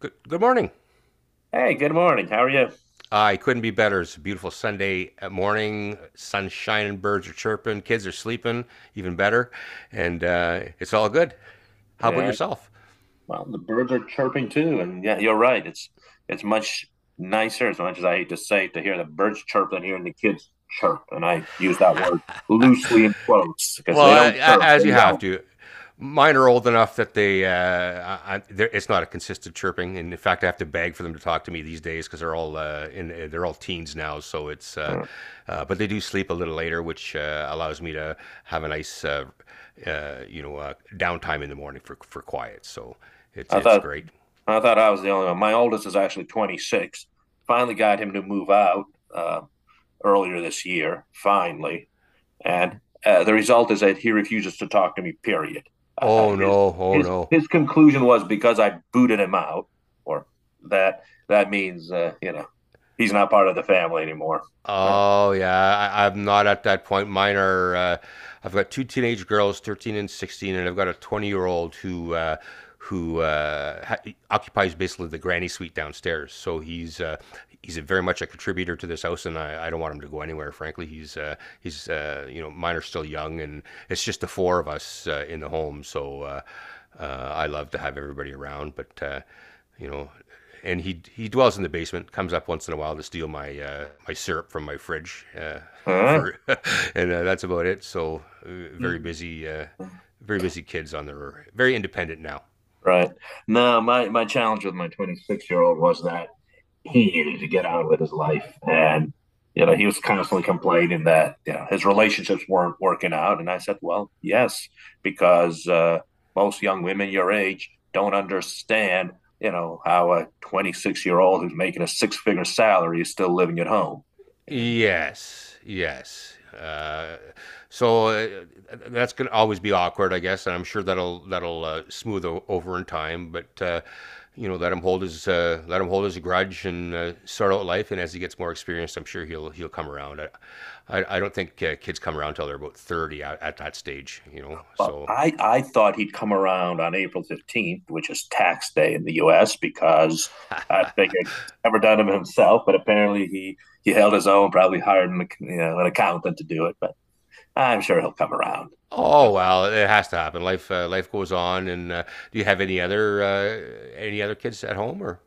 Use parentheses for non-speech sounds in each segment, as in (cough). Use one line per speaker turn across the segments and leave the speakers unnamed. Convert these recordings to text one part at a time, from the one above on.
Good, good morning.
Hey, good morning. How are you?
I couldn't be better. It's a beautiful Sunday morning. Sun's shining, birds are chirping, kids are sleeping, even better. And it's all good. How about
Yeah.
yourself?
Well, the birds are chirping too, and yeah, you're right. It's much nicer, as much as I hate to say it, to hear the birds chirp than hearing the kids chirp. And I use that word loosely in quotes because
Well,
they
I,
don't
I,
chirp; they
as you have
yell.
to. Mine are old enough that it's not a consistent chirping, and in fact, I have to beg for them to talk to me these days because they're all teens now. So
Yeah.
but they do sleep a little later, which allows me to have a nice, downtime in the morning for quiet. So it's
I
it's
thought
great.
I thought I was the only one. My oldest is actually 26. Finally got him to move out uh, earlier this year. Finally, and the result is that he refuses to talk to me, period. Uh, uh,
Oh
his,
no, oh no.
his conclusion was because I booted him out, or that that means, he's not part of the family anymore. All
Oh yeah, I'm not at that point. Mine are. I've got two teenage girls, 13 and 16, and I've got a 20-year-old who occupies basically the granny suite downstairs. So he's a very much a contributor to this house, and I don't want him to go anywhere. Frankly, he's you know mine are still young, and it's just the four of us in the home. So uh, I love to have everybody around, but. You know, and he dwells in the basement. Comes up once in a while to steal my syrup from my fridge
right.
for, (laughs) and that's about it. So very busy kids on their very independent now.
Right. No, my challenge with my 26-year-old was that he needed to get on with his life. And, you know, he was constantly complaining that, you know, his relationships weren't working out. And I said, well, yes, because most young women your age don't understand, you know, how a 26-year-old who's making a six figure salary is still living at home. And
Yes, yes. So that's gonna always be awkward, I guess, and I'm sure that'll smooth over in time. But let him hold his grudge and start out life. And as he gets more experienced, I'm sure he'll come around. I don't think kids come around till they're about 30 at that stage.
well,
So
I thought he'd come around on April 15th, which is tax day in the US, because I figured he's never done it (laughs) himself, but apparently he held his own, probably hired an, you know, an accountant to do it, but I'm sure he'll come around.
oh well, it has to happen. Life goes on. And do you have any other kids at home or?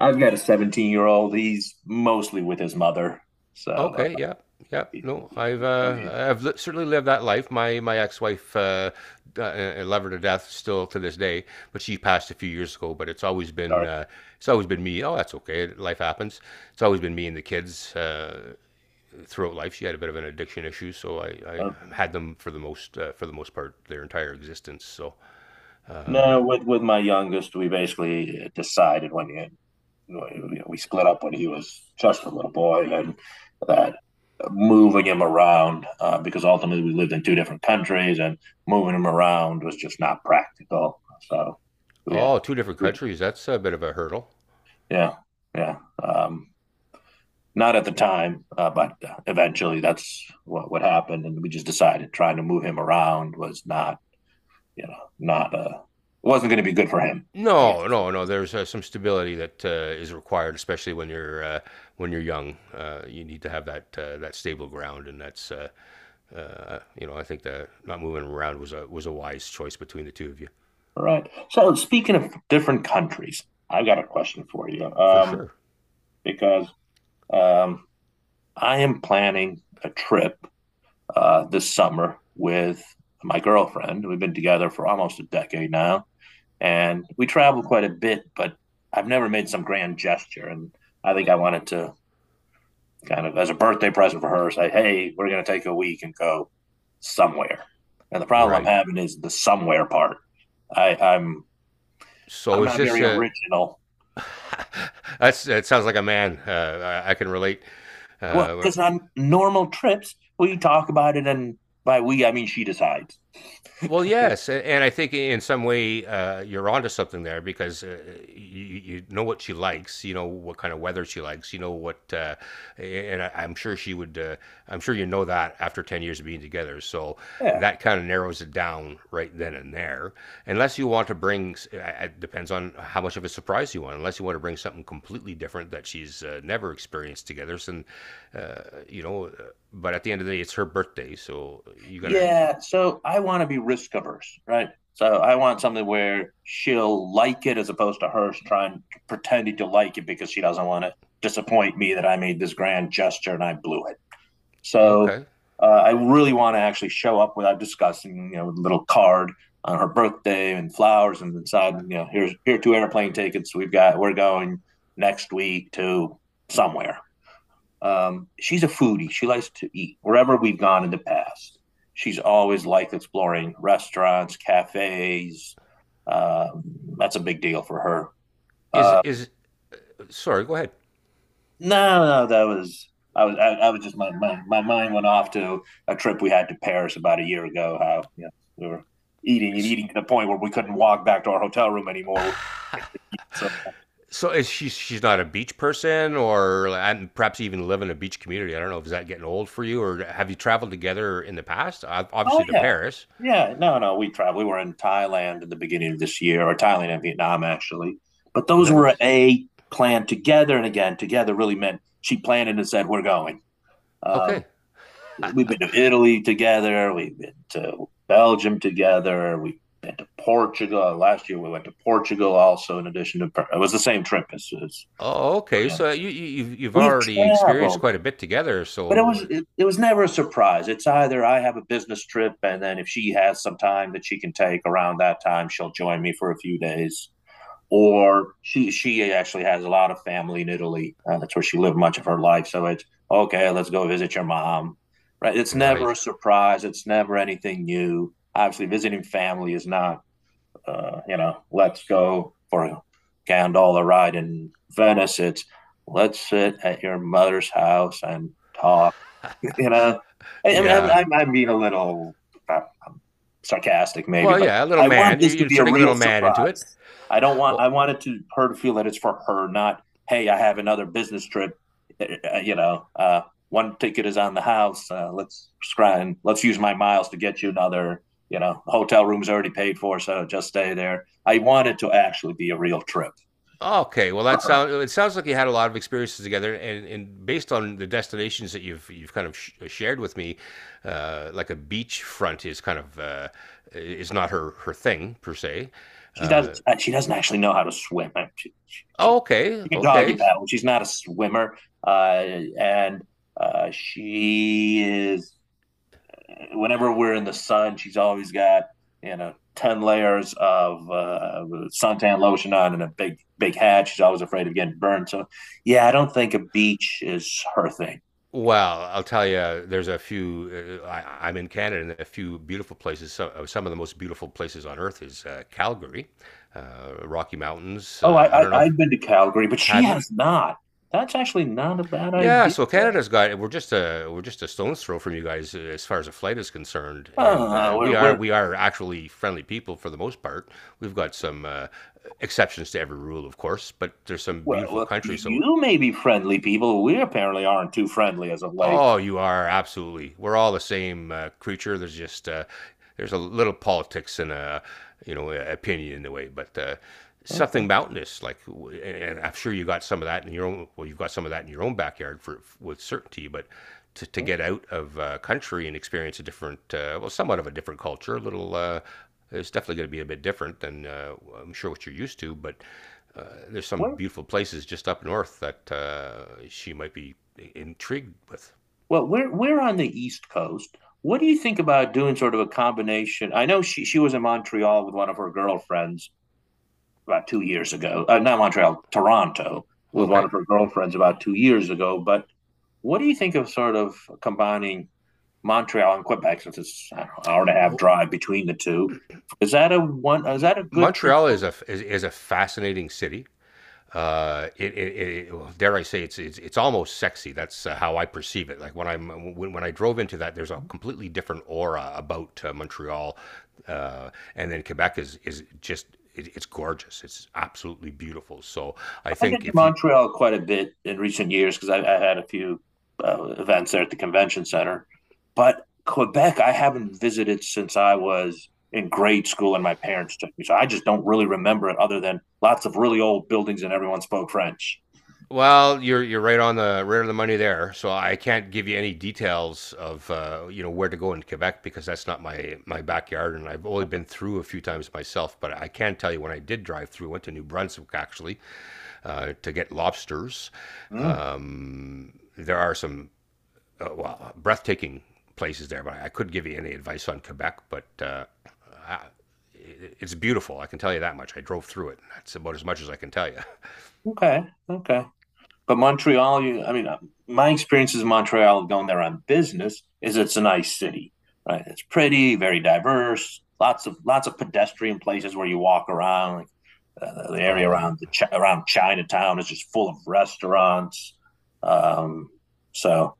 I've got a 17-year-old. He's mostly with his mother. So
Okay, yeah, yeah. No, I've
he's
uh, I've li- certainly lived that life. My ex-wife, I love her to death still to this day, but she passed a few years ago. But it's always been
starting
uh, it's always been me. Oh, that's okay. Life happens. It's always been me and the kids throughout life. She had a bit of an addiction issue, so I
to.
had them for the most part their entire existence.
No,
Uh,
no, with my youngest, we basically decided when you know, we split up when he was just a little boy, and that moving him around because ultimately we lived in two different countries, and moving him around was just not practical. So, yeah,
oh, two different
yeah,
countries. That's a bit of a hurdle.
yeah, yeah. Um, Not at the time, but eventually that's what happened, and we just decided trying to move him around was not, you know, not wasn't going to be good for him. I guess.
No, no, no. There's some stability that is required, especially when you're young. You need to have that that stable ground, and that's you know I think that not moving around was a wise choice between the two of you
All right. So speaking of different countries, I've got a question for you,
for sure.
because um, I am planning a trip this summer with my girlfriend. We've been together for almost a decade now, and we travel quite a bit, but I've never made some grand gesture. And I think I wanted to kind of, as a birthday present for her, say, hey, we're going to take a week and go somewhere. And the problem I'm
Right.
having is the somewhere part. I, I'm
So
I'm
is
not
this
very
a?
original.
(laughs) That sounds like a man. I can relate.
Well,
Uh,
because on normal trips, we talk about it, and by we, I mean she decides.
Well, yes, and I think in some way you're onto something there because you know what she likes, you know what kind of weather she likes, and I'm sure she would. I'm sure you know that after 10 years of being together, so
Yeah.
that kind of narrows it down right then and there. Unless you want to bring, it depends on how much of a surprise you want. Unless you want to bring something completely different that she's never experienced together, and uh, but at the end of the day, it's her birthday, so you gotta.
Yeah. So I want to be risk averse, right? So I want something where she'll like it as opposed to her trying pretending to like it because she doesn't want to disappoint me that I made this grand gesture and I blew it. So
Okay.
I really want to actually show up without discussing, you know, with a little card on her birthday and flowers and inside, you know, here are two airplane tickets. We're going next week to somewhere. She's a foodie. She likes to eat wherever we've gone in the past. She's always liked exploring restaurants, cafes. Uh, that's a big deal for her. Uh,
Is sorry? Go ahead.
No, no, that was I was just my mind went off to a trip we had to Paris about a year ago. How you know, we were eating and
S-
eating to the point where we couldn't walk back to our hotel room anymore. So,
So is she she's not a beach person, or and perhaps even live in a beach community? I don't know. Is that getting old for you, or have you traveled together in the past? Ob-
oh
Obviously to
yeah,
Paris.
yeah, no, no, we traveled. We were in Thailand in the beginning of this year, or Thailand and Vietnam actually. But those were
Nice.
a planned together, and again, together really meant she planned it and said we're going. Um,
Okay.
we've been to Italy together. We've been to Belgium together. We've been to Portugal. Last year we went to Portugal also. In addition to it was the same trip as,
Oh, okay.
Fran.
So you've
We've
already experienced
traveled,
quite a bit together.
but
So
it was never a surprise. It's either I have a business trip, and then if she has some time that she can take around that time, she'll join me for a few days or she actually has a lot of family in Italy. That's where she lived much of her life. So it's okay. Let's go visit your mom. Right? It's
right.
never a surprise. It's never anything new. Obviously, visiting family is not. You know, let's go for a gondola ride in Venice. It's let's sit at your mother's house and talk. (laughs) You know,
Yeah.
I'm being a little uh, sarcastic, maybe,
Well,
but
yeah. A little
I want
man. You're
this to be a
inserting a
real
little man into it.
surprise. I don't want I
Well,
wanted to her to feel that it's for her, not hey, I have another business trip. Uh, uh, uh, you know, uh, One ticket is on the house. Let's scry let's use my miles to get you another. You know, hotel room's already paid for, so just stay there. I want it to actually be a real trip.
Okay, well that
Uh-huh.
sounds it sounds like you had a lot of experiences together, and based on the destinations that you've kind of shared with me, like a beachfront is kind of is not her thing per se.
She doesn't.
Uh,
She doesn't actually know how to swim.
okay,
She can doggy
okay.
paddle. She's not a swimmer, uh, and she is. Whenever we're in the sun, she's always got you know 10 layers of suntan lotion on and a big hat. She's always afraid of getting burned. So yeah, I don't think a beach is her thing.
Well, I'll tell you, there's a few. I'm in Canada, and a few beautiful places. Some of the most beautiful places on earth is Calgary, Rocky Mountains.
Oh,
I
I
don't know if.
I've been to Calgary, but she
Have you?
has not. That's actually not a bad
Yeah,
idea.
so Canada's got, we're just a stone's throw from you guys as far as a flight is concerned, and
Ah,
we are
we're
we are actually friendly people for the most part. We've got some exceptions to every rule, of course, but there's some
Well,
beautiful
well,
country. So
you may be friendly people. We apparently aren't too friendly as of late.
oh, you are absolutely. We're all the same creature. There's a little politics and a opinion in the way, but something
Okay.
mountainous like, and I'm sure you got some of that in your own. Well, you've got some of that in your own backyard for with certainty, but. To
Yeah.
get out of country and experience well, somewhat of a different culture, a little. It's definitely going to be a bit different than I'm sure what you're used to, but uh, there's some
We're,
beautiful places just up north that she might be intrigued with.
well, We're on the East Coast. What do you think about doing sort of a combination? I know she was in Montreal with one of her girlfriends about 2 years ago. Not Montreal, Toronto with one
Okay.
of her girlfriends about 2 years ago. But what do you think of sort of combining Montreal and Quebec since it's I hour and a half
Oh,
drive between the two. Is that a one? Is that a good trip?
Montreal is a fascinating city. It, it, it Well, dare I say it's almost sexy. That's how I perceive it. Like when when I drove into that, there's a completely different aura about Montreal, and then Quebec is just it, it's gorgeous. It's absolutely beautiful. So I
I've been
think
to
if you.
Montreal quite a bit in recent years because I had a few events there at the convention center. But Quebec, I haven't visited since I was in grade school and my parents took me. So I just don't really remember it other than lots of really old buildings and everyone spoke French.
Well, you're right on the money there. So I can't give you any details of you know where to go in Quebec because that's not my backyard, and I've only
Okay.
been through a few times myself. But I can tell you when I did drive through, went to New Brunswick actually to get lobsters.
Mm,
There are some well breathtaking places there, but I couldn't give you any advice on Quebec. But I- it's beautiful. I can tell you that much. I drove through it, and that's about as much as I can tell you. (laughs)
okay. Okay. But Montreal, you, I mean, my experiences in Montreal going there on business is it's a nice city, right? It's pretty, very diverse, lots of pedestrian places where you walk around. Like the area
Oh,
around the chi- around Chinatown is just full of restaurants. Um, so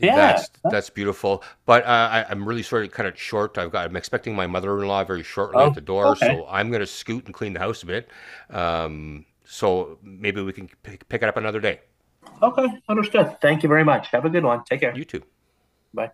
yeah.
that's beautiful, but I'm really sort of kind of short. I'm expecting my mother-in-law very shortly
Oh,
at the door,
okay,
so I'm going to scoot and clean the house a bit. So maybe we can pick it up another day.
okay, understood. Thank you very much. Have a good one. Take care.
You too.
Bye.